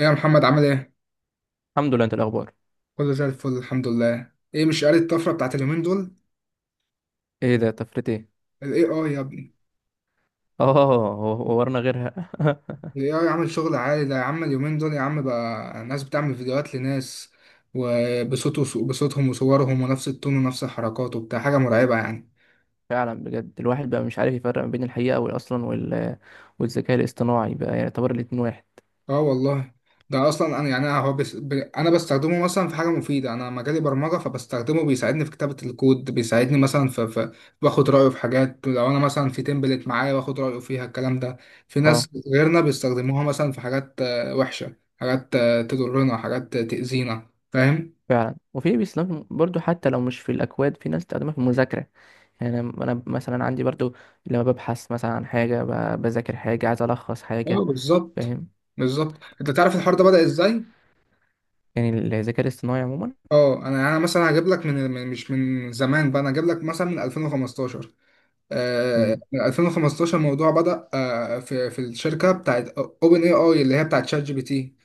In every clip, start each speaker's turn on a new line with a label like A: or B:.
A: ايه يا محمد، عامل ايه؟
B: الحمد لله. انت الاخبار؟
A: كله زي الفل الحمد لله. ايه مش قاري الطفرة بتاعت اليومين دول؟
B: ايه ده؟ طفرت ايه؟
A: ال AI يا ابني.
B: اه. ورنا غيرها.
A: ال AI عامل شغل عالي ده يا عم اليومين دول يا عم. بقى ناس بتعمل فيديوهات لناس وبصوت بصوتهم وصورهم ونفس التون ونفس الحركات وبتاع، حاجة مرعبة يعني.
B: فعلا، بجد الواحد بقى مش عارف يفرق ما بين الحقيقه اصلا والذكاء الاصطناعي بقى يعني يعتبر الاتنين واحد.
A: اه والله. ده اصلا انا يعني انا هو بس ب... انا بستخدمه مثلا في حاجه مفيده. انا مجالي برمجه فبستخدمه، بيساعدني في كتابه الكود، بيساعدني مثلا باخد رايه في حاجات. لو انا مثلا في تمبلت معايا باخد رايه فيها الكلام ده. في
B: اه.
A: ناس غيرنا بيستخدموها مثلا في حاجات وحشه، حاجات تضرنا، حاجات تاذينا، فاهم.
B: فعلا، وفي بيستخدم برضو حتى لو مش في الاكواد، في ناس بتستخدمها في المذاكره. يعني انا مثلا عندي برضو. لما ببحث مثلا عن حاجه، بذاكر حاجه، عايز الخص
A: اه
B: حاجه.
A: بالظبط.
B: فاهم؟
A: بالظبط، انت تعرف الحوار ده بدأ ازاي؟
B: يعني الذكاء الاصطناعي عموما.
A: اه انا يعني انا مثلا هجيب لك مش من زمان بقى، انا هجيب لك مثلا من 2015.
B: امم.
A: من 2015 الموضوع بدأ، في الشركة بتاعت اوبن اي اي اللي هي بتاعت شات جي بي تي.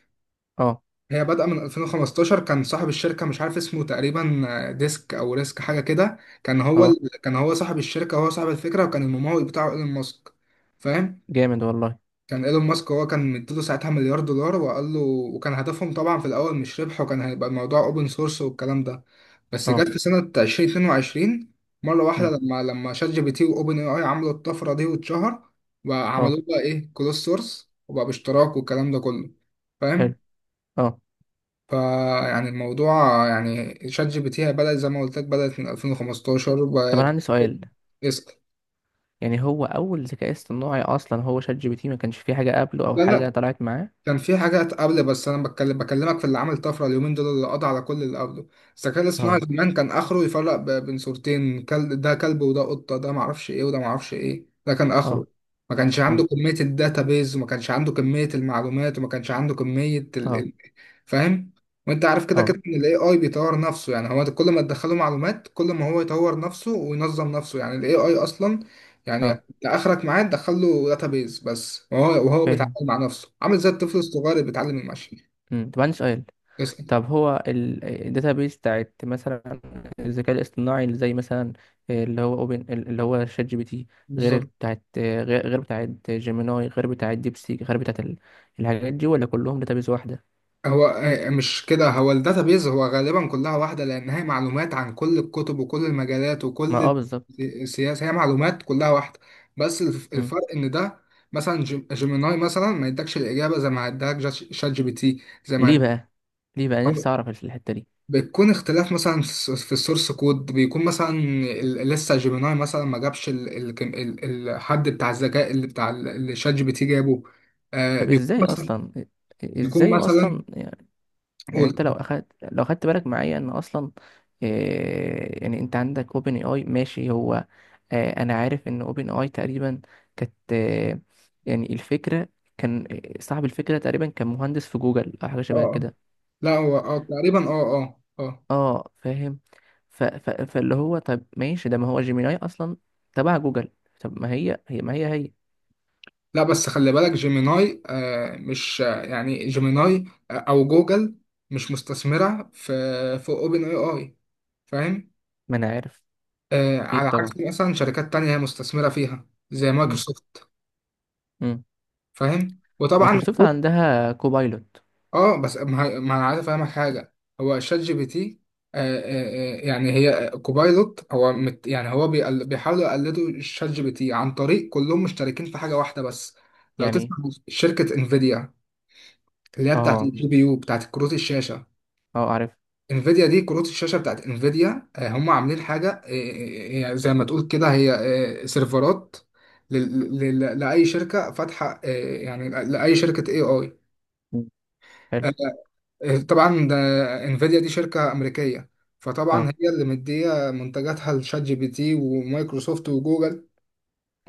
B: اه.
A: هي بدأ من 2015. كان صاحب الشركة مش عارف اسمه تقريبا، ديسك او ريسك حاجة كده.
B: اه،
A: كان هو صاحب الشركة، هو صاحب الفكرة، وكان الممول بتاعه ايلون ماسك. فاهم.
B: جامد والله.
A: كان ايلون ماسك هو كان مديله ساعتها مليار دولار، وقال له، وكان هدفهم طبعا في الاول مش ربح، وكان هيبقى الموضوع اوبن سورس والكلام ده. بس
B: اه.
A: جت في سنة 2022 مرة واحدة،
B: امم.
A: لما شات جي بي تي وأوبن أي آي عملوا الطفرة دي واتشهر،
B: اه.
A: وعملوه بقى إيه، كلوز سورس، وبقى باشتراك والكلام ده كله. فاهم؟
B: حلو. اه.
A: فيعني الموضوع، يعني شات جي بي تي بدأت زي ما قلت لك، بدأت من 2015
B: طب انا عندي سؤال.
A: اسأل.
B: يعني هو اول ذكاء اصطناعي اصلا هو شات جي بي تي؟ ما كانش فيه حاجه قبله او
A: لا لا،
B: حاجه طلعت معاه؟
A: كان في حاجات قبل، بس انا بكلمك في اللي عمل طفره اليومين دول اللي قضى على كل اللي قبله. الذكاء الاصطناعي
B: اه.
A: زمان كان اخره يفرق بين صورتين: كل ده كلب، وده قطه، ده معرفش ايه، وده معرفش ايه. ده كان
B: اه.
A: اخره. ما كانش عنده
B: أمم.
A: كميه الداتابيز، وما كانش عنده كميه المعلومات، وما كانش عنده كميه
B: اه.
A: فاهم. وانت عارف كده
B: اه.
A: كده ان الاي اي بيطور نفسه، يعني هو كل ما تدخله معلومات كل ما هو يطور نفسه وينظم نفسه. يعني الاي اي اصلا يعني،
B: اه،
A: لا اخرك معاه تدخل له داتابيز بس، وهو بيتعامل
B: فاهم.
A: مع نفسه، عامل زي الطفل الصغير اللي بيتعلم المشي.
B: أمم. طب، عندي سؤال.
A: اسأل.
B: طب هو الداتابيس بتاعت مثلا الذكاء الاصطناعي اللي زي مثلا، اللي هو شات جي بي تي، غير
A: بالظبط.
B: بتاعت غير بتاعت جيميناي، غير بتاعت ديبسيك، غير بتاعت الحاجات دي، ولا كلهم داتابيس واحده؟
A: هو مش كده، هو الداتابيز هو غالبا كلها واحده، لان هي معلومات عن كل الكتب وكل المجالات
B: ما اه،
A: وكل
B: بالظبط.
A: السياسه. هي معلومات كلها واحده. بس
B: أمم.
A: الفرق ان ده مثلا جيميناي مثلا ما يدكش الاجابه زي ما اداك شات جي بي تي. زي ما
B: ليه بقى ليه بقى نفسي اعرف الحته دي؟
A: بتكون اختلاف مثلا في السورس كود، بيكون مثلا لسه جيميناي مثلا ما جابش الحد بتاع الذكاء اللي اللي شات جي بي تي جابه. آه
B: طب
A: بيكون
B: ازاي
A: مثلا،
B: اصلا
A: بيكون
B: ازاي هو
A: مثلا،
B: اصلا يعني، يعني
A: قول.
B: انت لو خدت بالك معايا ان اصلا... إيه يعني، انت عندك اوبن اي اي، ماشي، هو... انا عارف ان اوبن اي تقريبا كانت، يعني الفكره، كان... صاحب الفكره تقريبا كان مهندس في جوجل او حاجه
A: اه
B: شبه
A: آه.
B: كده.
A: لا هو اه تقريبا اه. اه اه.
B: اه، فاهم. ف ف فاللي هو، طب ماشي ده، ما هو جيميناي اصلا تبع جوجل. طب، ما هي هي
A: لا بس خلي بالك جيميناي، آه مش آه، يعني جيميناي، او جوجل، مش مستثمرة في اوبن اي اي. فاهم.
B: ما انا عارف. اكيد
A: على عكس
B: طبعا.
A: مثلا شركات تانية هي مستثمرة فيها زي
B: مم.
A: مايكروسوفت.
B: مم.
A: فاهم، وطبعا.
B: مايكروسوفت عندها كوبايلوت.
A: اه، بس ما انا عايز افهمك حاجه. هو شات جي بي تي يعني هي، كوبايلوت هو مت يعني بيحاولوا يقلدوا شات جي بي تي عن طريق، كلهم مشتركين في حاجه واحده بس. لو
B: يعني...
A: تسمع، شركه انفيديا اللي هي بتاعت
B: اه،
A: الجي بي يو بتاعت كروت الشاشه.
B: اه، عارف.
A: انفيديا دي كروت الشاشه بتاعت انفيديا. هم عاملين حاجه يعني زي ما تقول كده، هي سيرفرات لاي شركه فاتحه، يعني لاي شركه اي اي.
B: مم. حلو.
A: طبعا ده، انفيديا دي شركة أمريكية، فطبعا
B: اه.
A: هي اللي مدية منتجاتها لشات جي بي تي ومايكروسوفت وجوجل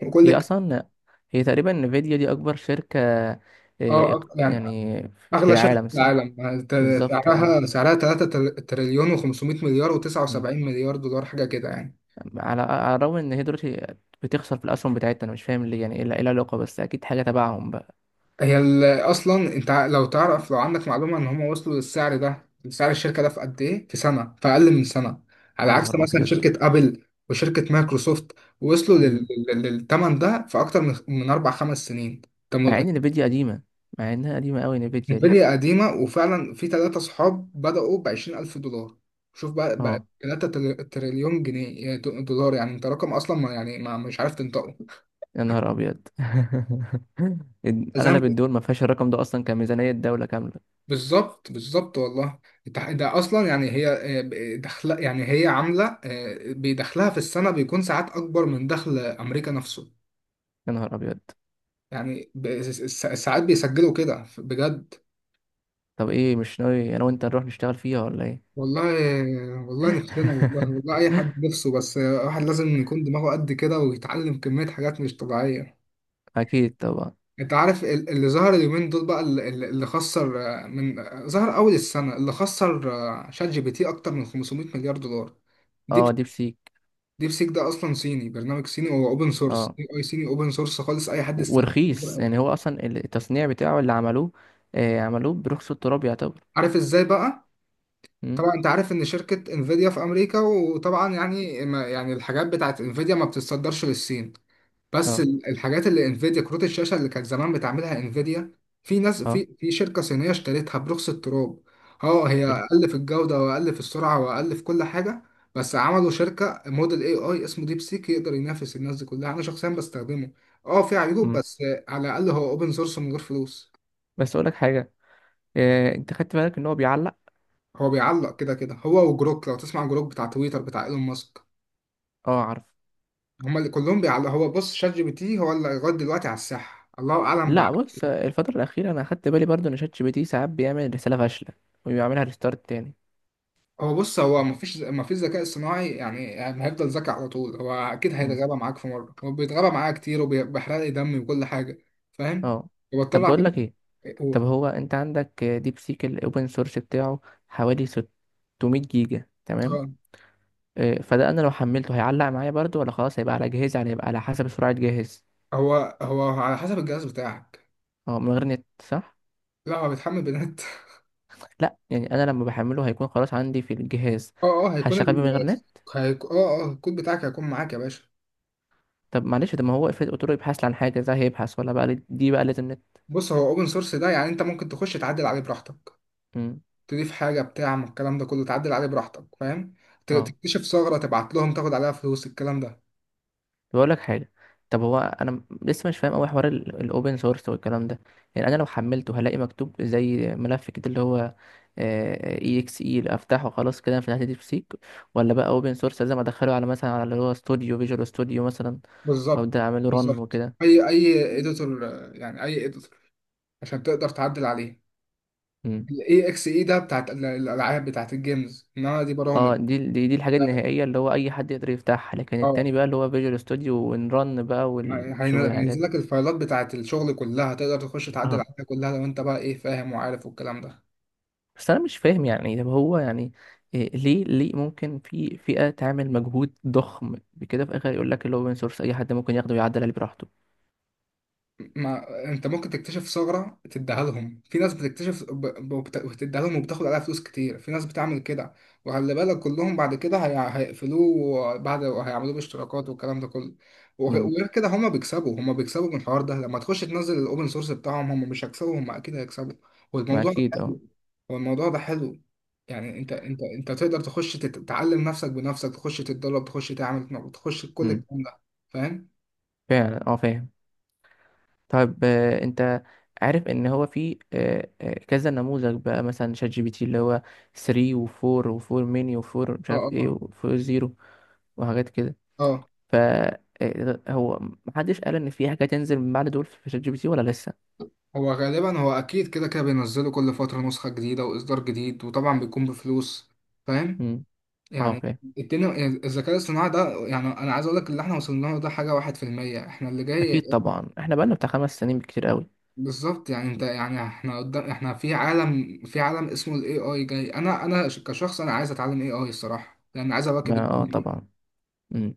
A: وكل
B: هي اصلا هي تقريبا انفيديا دي اكبر شركة،
A: اه يعني
B: يعني، في
A: أغلى شركة في
B: العالم، صح.
A: العالم. ت-
B: بالظبط، اه.
A: سعرها، سعرها 3 تريليون و500 مليار و79
B: مم.
A: مليار دولار حاجة كده يعني.
B: على الرغم ان هي دلوقتي بتخسر في الاسهم بتاعتها، انا مش فاهم ليه، يعني إيه العلاقة؟ بس اكيد حاجة تبعهم بقى.
A: هي ال- اصلا انت لو تعرف، لو عندك معلومه ان هم وصلوا للسعر ده، سعر الشركه ده في قد ايه؟ في سنه، في اقل من سنه، على
B: يا
A: عكس
B: نهار
A: مثلا
B: ابيض.
A: شركه ابل وشركه مايكروسوفت، وصلوا
B: مم.
A: للثمن ده في اكتر من اربع خمس سنين. طب
B: مع
A: م-
B: ان انفيديا قديمة، مع انها قديمة قوي انفيديا دي.
A: انفيديا قديمه، وفعلا في ثلاثه صحاب بداوا ب 20,000 دولار، شوف بقى، بقى
B: اه.
A: 3 تريليون جنيه دولار، يعني انت رقم اصلا ما يعني، ما مش عارف تنطقه.
B: يا نهار ابيض.
A: زي ما،
B: اغلب الدول ما فيهاش الرقم ده اصلا كميزانية دولة كاملة.
A: بالظبط بالظبط والله. ده ده اصلا يعني هي، دخل، يعني هي عامله، بيدخلها في السنه بيكون ساعات اكبر من دخل امريكا نفسه.
B: يا نهار ابيض.
A: يعني ساعات بيسجلوا كده بجد.
B: طب، ايه، مش ناوي انا وانت نروح نشتغل فيها ولا ايه؟
A: والله والله نفسنا، والله والله اي حد نفسه، بس الواحد لازم يكون دماغه قد كده ويتعلم كميه حاجات مش طبيعيه.
B: اكيد طبعا.
A: انت عارف اللي ظهر اليومين دول بقى اللي خسر، آه، من آه، ظهر اول السنه، اللي خسر شات جي بي تي اكتر من 500 مليار دولار. دي
B: اه، ديب سيك.
A: ديب سيك، ده اصلا صيني، برنامج صيني، هو اوبن سورس،
B: اه.
A: اي اي صيني اوبن سورس خالص اي حد
B: ورخيص
A: يستخدمه.
B: يعني، هو اصلا التصنيع بتاعه اللي عملوه، عملوه برخص التراب يعتبر.
A: عارف ازاي بقى.
B: امم.
A: طبعا انت عارف ان شركة انفيديا في امريكا، وطبعا يعني ما يعني الحاجات بتاعت انفيديا ما بتتصدرش للصين. بس
B: اه.
A: الحاجات اللي انفيديا كروت الشاشة اللي كانت زمان بتعملها انفيديا، في ناس
B: اه.
A: في شركة صينية اشترتها برخص التراب. اه هي
B: حلو.
A: اقل في الجودة واقل في السرعة واقل في كل حاجة، بس عملوا شركة، موديل اي اي اسمه ديب سيك يقدر ينافس الناس دي كلها. انا شخصيا بستخدمه. اه في عيوب،
B: امم.
A: بس على الاقل هو اوبن سورس من غير فلوس.
B: بس اقول لك حاجه. انت خدت بالك ان هو بيعلق؟
A: هو بيعلق كده كده، هو وجروك. لو تسمع، جروك بتاع تويتر بتاع ايلون ماسك،
B: اه، عارف.
A: هما اللي كلهم بيعلق. هو بص، شات جي بي تي هو اللي لغايه دلوقتي على الساحه، الله اعلم بعد.
B: لا، بص، الفتره الاخيره انا خدت بالي برضو ان شات جي بي تي ساعات بيعمل رساله فاشله، وبيعملها ريستارت تاني.
A: هو بص، هو مفيش ذكاء اصطناعي يعني يعني هيفضل ذكي على طول، هو اكيد
B: امم.
A: هيتغابى معاك في مره. هو بيتغابى معايا كتير وبيحرق لي دمي وكل حاجه. فاهم.
B: اه. طب
A: وبطلع
B: بقول لك
A: تاني.
B: ايه.
A: هو
B: طب هو انت عندك ديب سيك الاوبن سورس بتاعه، حوالي 600 جيجا، تمام؟
A: آه.
B: فده، انا لو حملته هيعلق معايا برضو، ولا خلاص هيبقى على جهازي؟ يعني هيبقى على حسب سرعة جهاز.
A: هو هو على حسب الجهاز بتاعك.
B: اه، من غير نت، صح؟
A: لا هو بيتحمل بنات
B: لا يعني، انا لما بحمله هيكون خلاص عندي في الجهاز،
A: اه اه هيكون
B: هشغل بيه
A: ال،
B: من غير نت.
A: اه اه الكود بتاعك هيكون معاك يا باشا.
B: طب معلش، ده ما هو افرض قلت له يبحث لي عن حاجة، ده هيبحث، ولا بقى دي بقى لازم نت؟
A: بص هو اوبن سورس ده، يعني انت ممكن تخش تعدل عليه براحتك،
B: مم.
A: تضيف حاجة بتاع من الكلام ده كله، تعدل عليه براحتك، فاهم.
B: اه.
A: تكتشف ثغرة، تبعت لهم، تاخد عليها فلوس الكلام ده.
B: بقول لك حاجه. طب هو انا لسه مش فاهم قوي حوار الاوبن سورس والكلام ده. يعني انا لو حملته هلاقي مكتوب زي ملف كده، اللي هو اي اكس اي، افتحه خلاص كده في ناحيه ديب سيك؟ ولا بقى اوبن سورس لازم ادخله على مثلا، على اللي هو فيجوال ستوديو مثلا،
A: بالظبط،
B: وابدا اعمله رن
A: بالظبط.
B: وكده؟
A: أي أي إيديتور، يعني أي إيديتور عشان تقدر تعدل عليه.
B: مم.
A: ال AXE ده بتاعت الألعاب، بتاعت الجيمز، إنما دي برامج.
B: اه، دي الحاجه النهائيه اللي هو اي حد يقدر يفتحها، لكن
A: اه
B: التاني بقى اللي هو فيجوال ستوديو، ونرن بقى، وشوف الحاجات
A: هينزل
B: دي.
A: لك الفايلات بتاعت الشغل كلها، تقدر تخش تعدل
B: اه.
A: عليها كلها لو أنت بقى إيه، فاهم وعارف والكلام ده.
B: بس انا مش فاهم، يعني طب هو يعني... إيه، ليه ممكن في فئة تعمل مجهود ضخم بكده، في الاخر يقول لك اللي هو open source اي حد ممكن ياخده ويعدل عليه براحته؟
A: ما انت ممكن تكتشف ثغرة تديها لهم، في ناس بتكتشف وتديها لهم وبتاخد عليها فلوس كتير، في ناس بتعمل كده. وخلي بالك كلهم بعد كده هيقفلوه بعد، وهيعملوه باشتراكات والكلام ده كله.
B: امم.
A: وغير كده، هما بيكسبوا، هما بيكسبوا من الحوار ده. لما تخش تنزل الاوبن سورس بتاعهم هما مش هيكسبوا، هما اكيد هيكسبوا.
B: ما
A: والموضوع ده
B: اكيد، اه.
A: حلو، هو الموضوع ده حلو. يعني انت تقدر تخش تتعلم نفسك بنفسك، تخش تتدرب، تخش تعمل، تخش كل
B: امم.
A: الكلام ده. فاهم.
B: فعلا، اه فاهم. طيب، انت عارف ان هو في كذا نموذج بقى، مثلا شات جي بي تي اللي هو 3 و4 و4 ميني و4 مش
A: اه
B: عارف ايه
A: اه
B: و4 زيرو، وحاجات كده.
A: اه اه.
B: ف... هو محدش قال ان في حاجة تنزل من بعد دول في شات جي بي تي ولا لسه؟
A: هو غالبا هو اكيد كده كده بينزلوا كل فترة نسخة جديدة واصدار جديد، وطبعا بيكون بفلوس. فاهم.
B: امم. اه،
A: يعني
B: فاهم.
A: الدنيا، الذكاء الاصطناعي ده، يعني انا عايز اقول لك اللي احنا وصلنا له ده حاجة واحد في المية، احنا اللي جاي.
B: اكيد طبعا، احنا بقالنا بتاع 5 سنين بكتير قوي.
A: بالظبط. يعني انت يعني احنا قدام، احنا في عالم، في عالم اسمه الاي اي جاي. كشخص انا عايز اتعلم اي اي الصراحة، لان عايز اواكب
B: ما اه،
A: الدنيا دي.
B: طبعا. مم.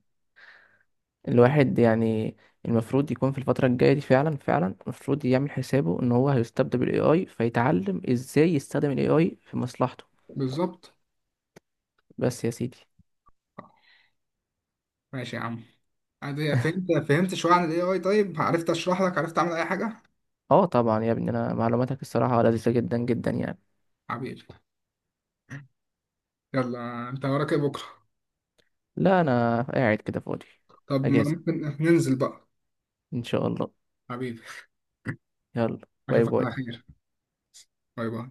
B: الواحد يعني، المفروض يكون في الفترة الجاية دي، فعلا فعلا المفروض يعمل حسابه ان هو هيستبدل بالاي اي، فيتعلم ازاي يستخدم الاي اي في مصلحته.
A: بالظبط،
B: بس يا سيدي.
A: ماشي يا عم. عادي، فهمت، فهمت شوية عن الاي اي، طيب عرفت اشرح لك، عرفت اعمل اي حاجة.
B: اه طبعا يا ابني، انا معلوماتك الصراحة لذيذة جدا جدا يعني.
A: حبيبي. يلا، انت وراك إيه بكرة؟
B: لا، انا قاعد كده فاضي،
A: طب ما
B: اجازة.
A: ممكن ننزل بقى.
B: ان شاء الله.
A: حبيبي.
B: يلا. باي
A: اشوفك على
B: باي.
A: خير. باي باي.